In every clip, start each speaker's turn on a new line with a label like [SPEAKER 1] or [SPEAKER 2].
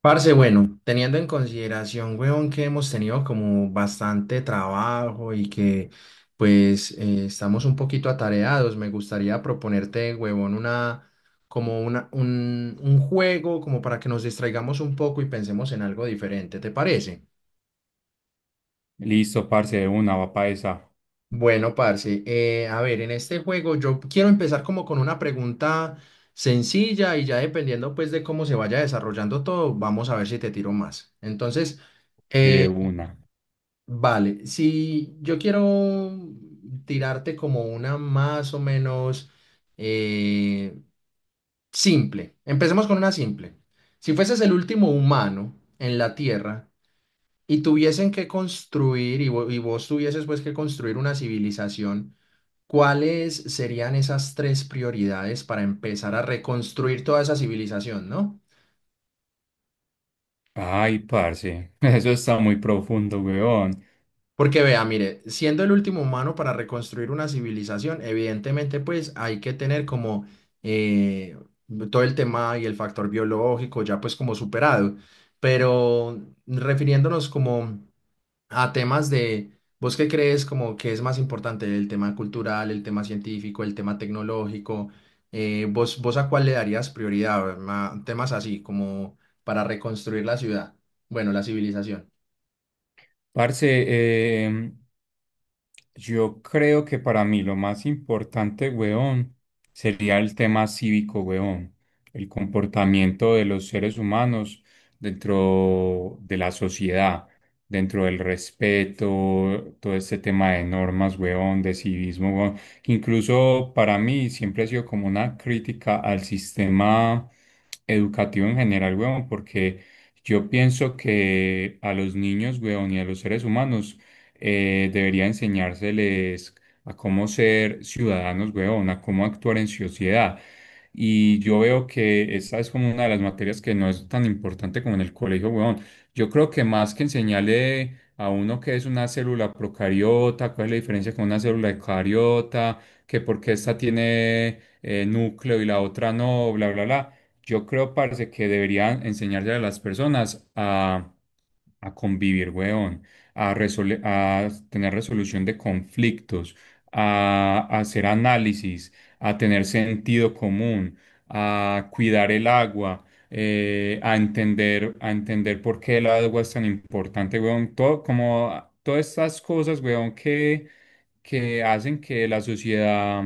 [SPEAKER 1] Parce, bueno, teniendo en consideración, weón, que hemos tenido como bastante trabajo y que pues estamos un poquito atareados, me gustaría proponerte, huevón, una, un juego como para que nos distraigamos un poco y pensemos en algo diferente, ¿te parece?
[SPEAKER 2] Listo, parce, de una, va pa' esa.
[SPEAKER 1] Bueno, parce, a ver, en este juego yo quiero empezar como con una pregunta sencilla y ya dependiendo pues de cómo se vaya desarrollando todo, vamos a ver si te tiro más.
[SPEAKER 2] De
[SPEAKER 1] Eh,
[SPEAKER 2] una.
[SPEAKER 1] Vale, si yo quiero tirarte como una más o menos eh, simple, empecemos con una simple. Si fueses el último humano en la Tierra y tuviesen que construir, y, vo- y vos tuvieses pues que construir una civilización, ¿cuáles serían esas tres prioridades para empezar a reconstruir toda esa civilización, ¿no?
[SPEAKER 2] Ay, parce, eso está muy profundo, weón.
[SPEAKER 1] Porque vea, mire, siendo el último humano para reconstruir una civilización, evidentemente pues hay que tener como eh, todo el tema y el factor biológico ya pues como superado, pero refiriéndonos como a temas de, ¿vos qué crees como que es más importante el tema cultural, el tema científico, el tema tecnológico? ¿Vos ¿a cuál le darías prioridad? Temas así como para reconstruir la ciudad, bueno, la civilización.
[SPEAKER 2] Parce, yo creo que para mí lo más importante, weón, sería el tema cívico, weón, el comportamiento de los seres humanos dentro de la sociedad, dentro del respeto, todo este tema de normas, weón, de civismo, weón, que incluso para mí siempre ha sido como una crítica al sistema educativo en general, weón, porque yo pienso que a los niños, weón, y a los seres humanos debería enseñárseles a cómo ser ciudadanos, weón, a cómo actuar en sociedad. Y yo veo que esta es como una de las materias que no es tan importante como en el colegio, weón. Yo creo que más que enseñarle a uno qué es una célula procariota, cuál es la diferencia con una célula eucariota, que por qué esta tiene núcleo y la otra no, bla, bla, bla. Yo creo, parce, que deberían enseñarle a las personas a convivir, weón, a tener resolución de conflictos, a hacer análisis, a tener sentido común, a cuidar el agua, a entender por qué el agua es tan importante, weón. Todo, como todas estas cosas, weón, que hacen que la sociedad,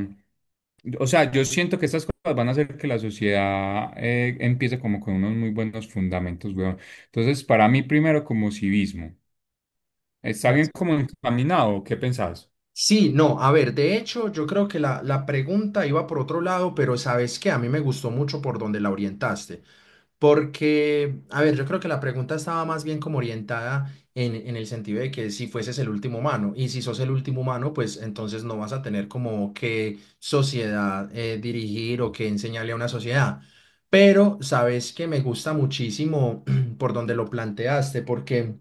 [SPEAKER 2] o sea, yo siento que estas cosas van a hacer que la sociedad empiece como con unos muy buenos fundamentos, weón. Entonces, para mí primero como civismo, ¿está bien como encaminado? ¿Qué pensás?
[SPEAKER 1] Sí, no, a ver, de hecho, yo creo que la pregunta iba por otro lado, pero sabes que a mí me gustó mucho por donde la orientaste, porque, a ver, yo creo que la pregunta estaba más bien como orientada en el sentido de que si fueses el último humano, y si sos el último humano, pues entonces no vas a tener como qué sociedad dirigir o qué enseñarle a una sociedad. Pero sabes que me gusta muchísimo por donde lo planteaste, porque...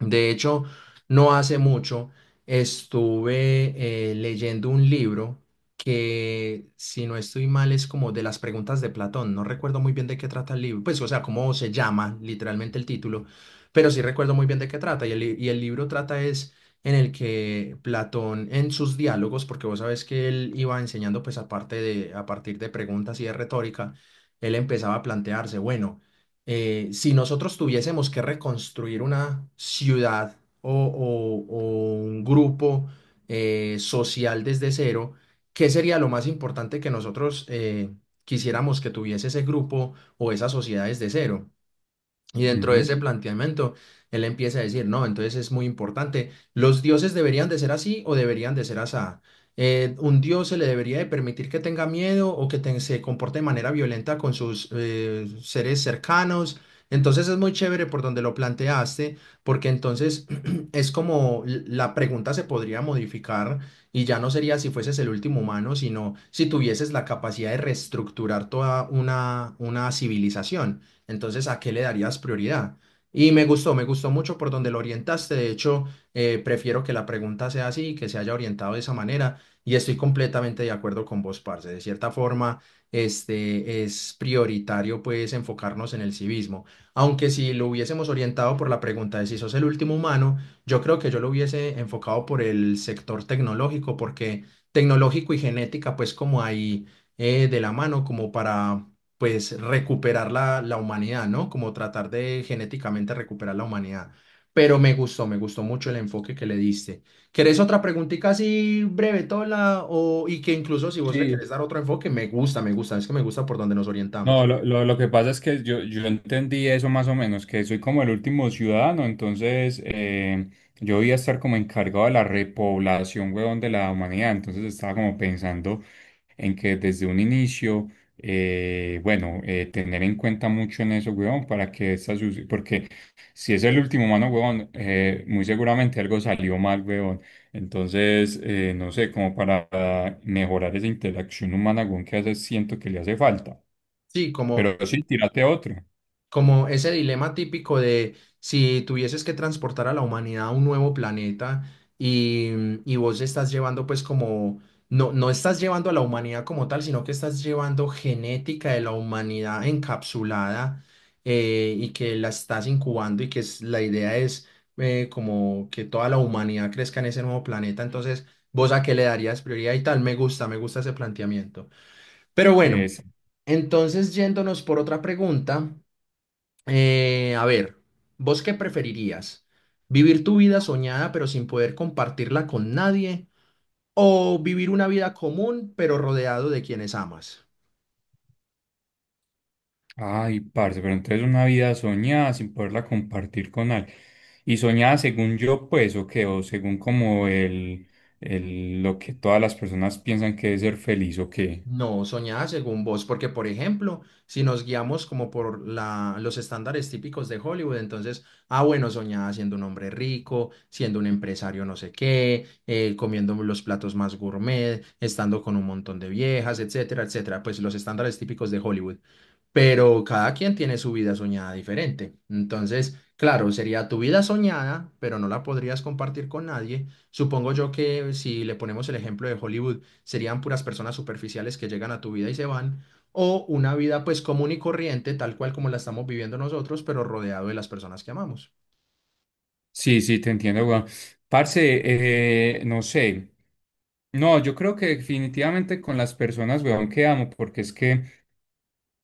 [SPEAKER 1] De hecho, no hace mucho estuve leyendo un libro que, si no estoy mal, es como de las preguntas de Platón. No recuerdo muy bien de qué trata el libro, pues, o sea, cómo se llama literalmente el título, pero sí recuerdo muy bien de qué trata. Y y el libro trata es en el que Platón, en sus diálogos, porque vos sabes que él iba enseñando, pues, aparte de, a partir de preguntas y de retórica, él empezaba a plantearse, bueno, si nosotros tuviésemos que reconstruir una ciudad o un grupo social desde cero, ¿qué sería lo más importante que nosotros quisiéramos que tuviese ese grupo o esas sociedades de cero? Y dentro de
[SPEAKER 2] Ujú.
[SPEAKER 1] ese planteamiento, él empieza a decir, no, entonces es muy importante, los dioses deberían de ser así o deberían de ser asá. Un dios se le debería de permitir que tenga miedo o que se comporte de manera violenta con sus seres cercanos. Entonces es muy chévere por donde lo planteaste, porque entonces es como la pregunta se podría modificar y ya no sería si fueses el último humano, sino si tuvieses la capacidad de reestructurar toda una civilización. Entonces, ¿a qué le darías prioridad? Y me gustó mucho por donde lo orientaste. De hecho, prefiero que la pregunta sea así, que se haya orientado de esa manera. Y estoy completamente de acuerdo con vos, parce. De cierta forma, este es prioritario, pues, enfocarnos en el civismo. Aunque si lo hubiésemos orientado por la pregunta de si sos el último humano, yo creo que yo lo hubiese enfocado por el sector tecnológico, porque tecnológico y genética, pues, como ahí de la mano, como para pues recuperar la humanidad, ¿no? Como tratar de genéticamente recuperar la humanidad. Pero me gustó mucho el enfoque que le diste. ¿Querés otra preguntita así breve, Tola? O, y que incluso si vos le querés
[SPEAKER 2] Sí,
[SPEAKER 1] dar otro enfoque, es que me gusta por donde nos orientamos.
[SPEAKER 2] no, lo que pasa es que yo entendí eso más o menos, que soy como el último ciudadano, entonces yo voy a estar como encargado de la repoblación, huevón, de la humanidad, entonces estaba como pensando en que desde un inicio, bueno, tener en cuenta mucho en eso, huevón, para que porque si es el último humano, huevón, muy seguramente algo salió mal, huevón, entonces, no sé, como para mejorar esa interacción humana, huevón, que hace, siento que le hace falta.
[SPEAKER 1] Sí, como...
[SPEAKER 2] Pero sí, tírate otro.
[SPEAKER 1] Como ese dilema típico de si tuvieses que transportar a la humanidad a un nuevo planeta y, y vos estás llevando pues como, no, no estás llevando a la humanidad como tal, sino que estás llevando genética de la humanidad encapsulada y que la estás incubando y que la idea es como que toda la humanidad crezca en ese nuevo planeta. Entonces, ¿vos a qué le darías prioridad y tal? Me gusta ese planteamiento. Pero bueno,
[SPEAKER 2] Es,
[SPEAKER 1] entonces yéndonos por otra pregunta. A ver, ¿vos qué preferirías? ¿Vivir tu vida soñada pero sin poder compartirla con nadie? ¿O vivir una vida común pero rodeado de quienes amas?
[SPEAKER 2] ay, parce, pero entonces una vida soñada sin poderla compartir con alguien. Y soñada según yo, pues, o qué, o según como lo que todas las personas piensan que es ser feliz, o qué.
[SPEAKER 1] No, soñada según vos, porque por ejemplo, si nos guiamos como por los estándares típicos de Hollywood, entonces, ah, bueno, soñada siendo un hombre rico, siendo un empresario no sé qué, comiendo los platos más gourmet, estando con un montón de viejas, etcétera, etcétera, pues los estándares típicos de Hollywood. Pero cada quien tiene su vida soñada diferente. Entonces, claro, sería tu vida soñada, pero no la podrías compartir con nadie. Supongo yo que si le ponemos el ejemplo de Hollywood, serían puras personas superficiales que llegan a tu vida y se van, o una vida pues común y corriente, tal cual como la estamos viviendo nosotros, pero rodeado de las personas que amamos.
[SPEAKER 2] Sí, sí, te entiendo, weón. Parce, no sé. No, yo creo que definitivamente con las personas, weón, que amo, porque es que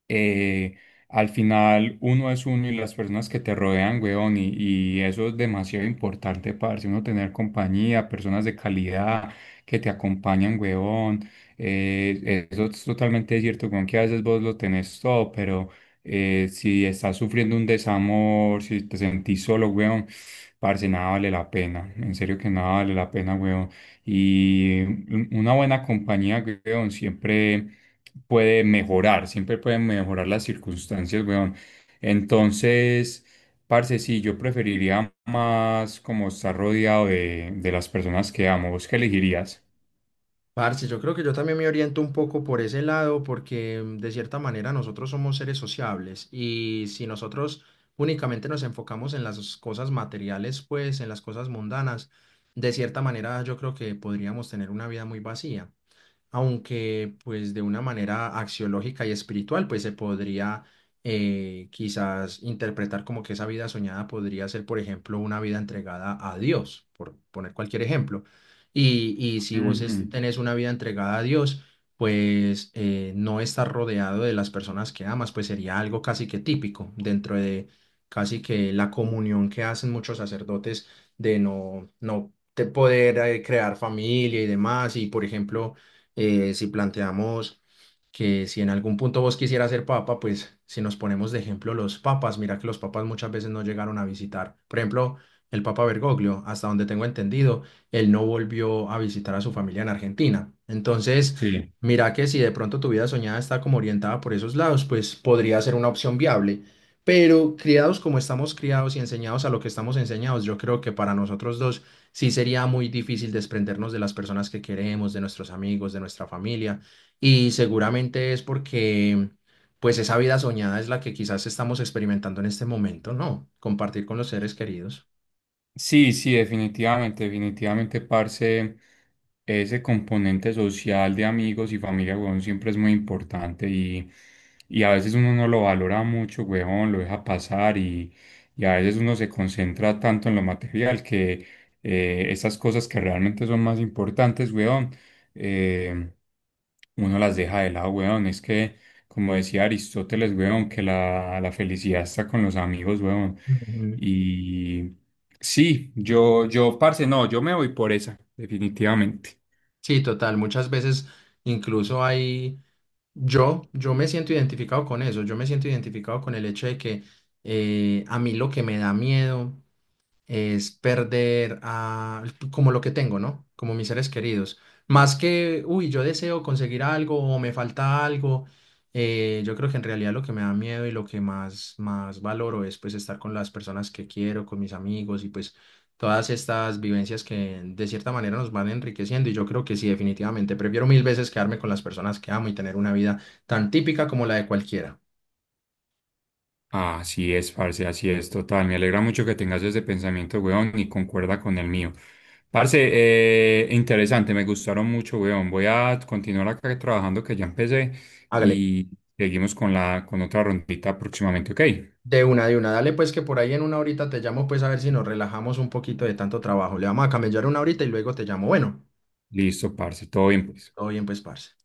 [SPEAKER 2] eh, al final uno es uno y las personas que te rodean, weón, y eso es demasiado importante, parce, uno tener compañía, personas de calidad que te acompañan, weón. Eso es totalmente cierto, con que a veces vos lo tenés todo, pero si estás sufriendo un desamor, si te sentís solo, weón, parce, nada vale la pena, en serio que nada vale la pena, weón. Y una buena compañía, weón, siempre puede mejorar, siempre pueden mejorar las circunstancias, weón. Entonces, parce, sí, yo preferiría más como estar rodeado de las personas que amo. ¿Vos qué elegirías?
[SPEAKER 1] Parce, yo creo que yo también me oriento un poco por ese lado porque de cierta manera nosotros somos seres sociables y si nosotros únicamente nos enfocamos en las cosas materiales, pues en las cosas mundanas, de cierta manera yo creo que podríamos tener una vida muy vacía aunque pues de una manera axiológica y espiritual, pues se podría quizás interpretar como que esa vida soñada podría ser, por ejemplo, una vida entregada a Dios, por poner cualquier ejemplo. Y si vos
[SPEAKER 2] Ujú.
[SPEAKER 1] tenés una vida entregada a Dios, pues no estar rodeado de las personas que amas, pues sería algo casi que típico dentro de casi que la comunión que hacen muchos sacerdotes de no te poder crear familia y demás. Y por ejemplo, si planteamos que si en algún punto vos quisieras ser papa, pues si nos ponemos de ejemplo los papas, mira que los papas muchas veces no llegaron a visitar. Por ejemplo, el papa Bergoglio, hasta donde tengo entendido, él no volvió a visitar a su familia en Argentina. Entonces,
[SPEAKER 2] Sí.
[SPEAKER 1] mira que si de pronto tu vida soñada está como orientada por esos lados, pues podría ser una opción viable. Pero criados como estamos criados y enseñados a lo que estamos enseñados, yo creo que para nosotros dos sí sería muy difícil desprendernos de las personas que queremos, de nuestros amigos, de nuestra familia. Y seguramente es porque, pues, esa vida soñada es la que quizás estamos experimentando en este momento, ¿no? Compartir con los seres queridos.
[SPEAKER 2] Sí, sí, definitivamente, definitivamente, parce. Ese componente social de amigos y familia, weón, siempre es muy importante y a veces uno no lo valora mucho, weón, lo deja pasar y a veces uno se concentra tanto en lo material que esas cosas que realmente son más importantes, weón, eh, uno las deja de lado, weón. Es que, como decía Aristóteles, weón, que la felicidad está con los amigos, weón.
[SPEAKER 1] Ujú.
[SPEAKER 2] Y sí, yo, parce, no, yo me voy por esa, definitivamente.
[SPEAKER 1] Sí, total. Muchas veces incluso hay, yo me siento identificado con eso. Yo me siento identificado con el hecho de que a mí lo que me da miedo es perder como lo que tengo, ¿no? Como mis seres queridos. Más que, uy, yo deseo conseguir algo o me falta algo, yo creo que en realidad lo que me da miedo y lo que más valoro es pues estar con las personas que quiero, con mis amigos y pues todas estas vivencias que de cierta manera nos van enriqueciendo y yo creo que sí, definitivamente, prefiero mil veces quedarme con las personas que amo y tener una vida tan típica como la de cualquiera.
[SPEAKER 2] Así es, parce, así es, total. Me alegra mucho que tengas ese pensamiento, weón, y concuerda con el mío. Parce, interesante, me gustaron mucho, weón. Voy a continuar acá trabajando que ya empecé
[SPEAKER 1] Hágale.
[SPEAKER 2] y seguimos con la, con otra rondita próximamente, ¿ok?
[SPEAKER 1] De una, de una. Dale pues que por ahí en una horita te llamo pues a ver si nos relajamos un poquito de tanto trabajo. Le vamos a camellar una horita y luego te llamo. Bueno,
[SPEAKER 2] Listo, parce, todo bien, pues.
[SPEAKER 1] todo bien pues, parce.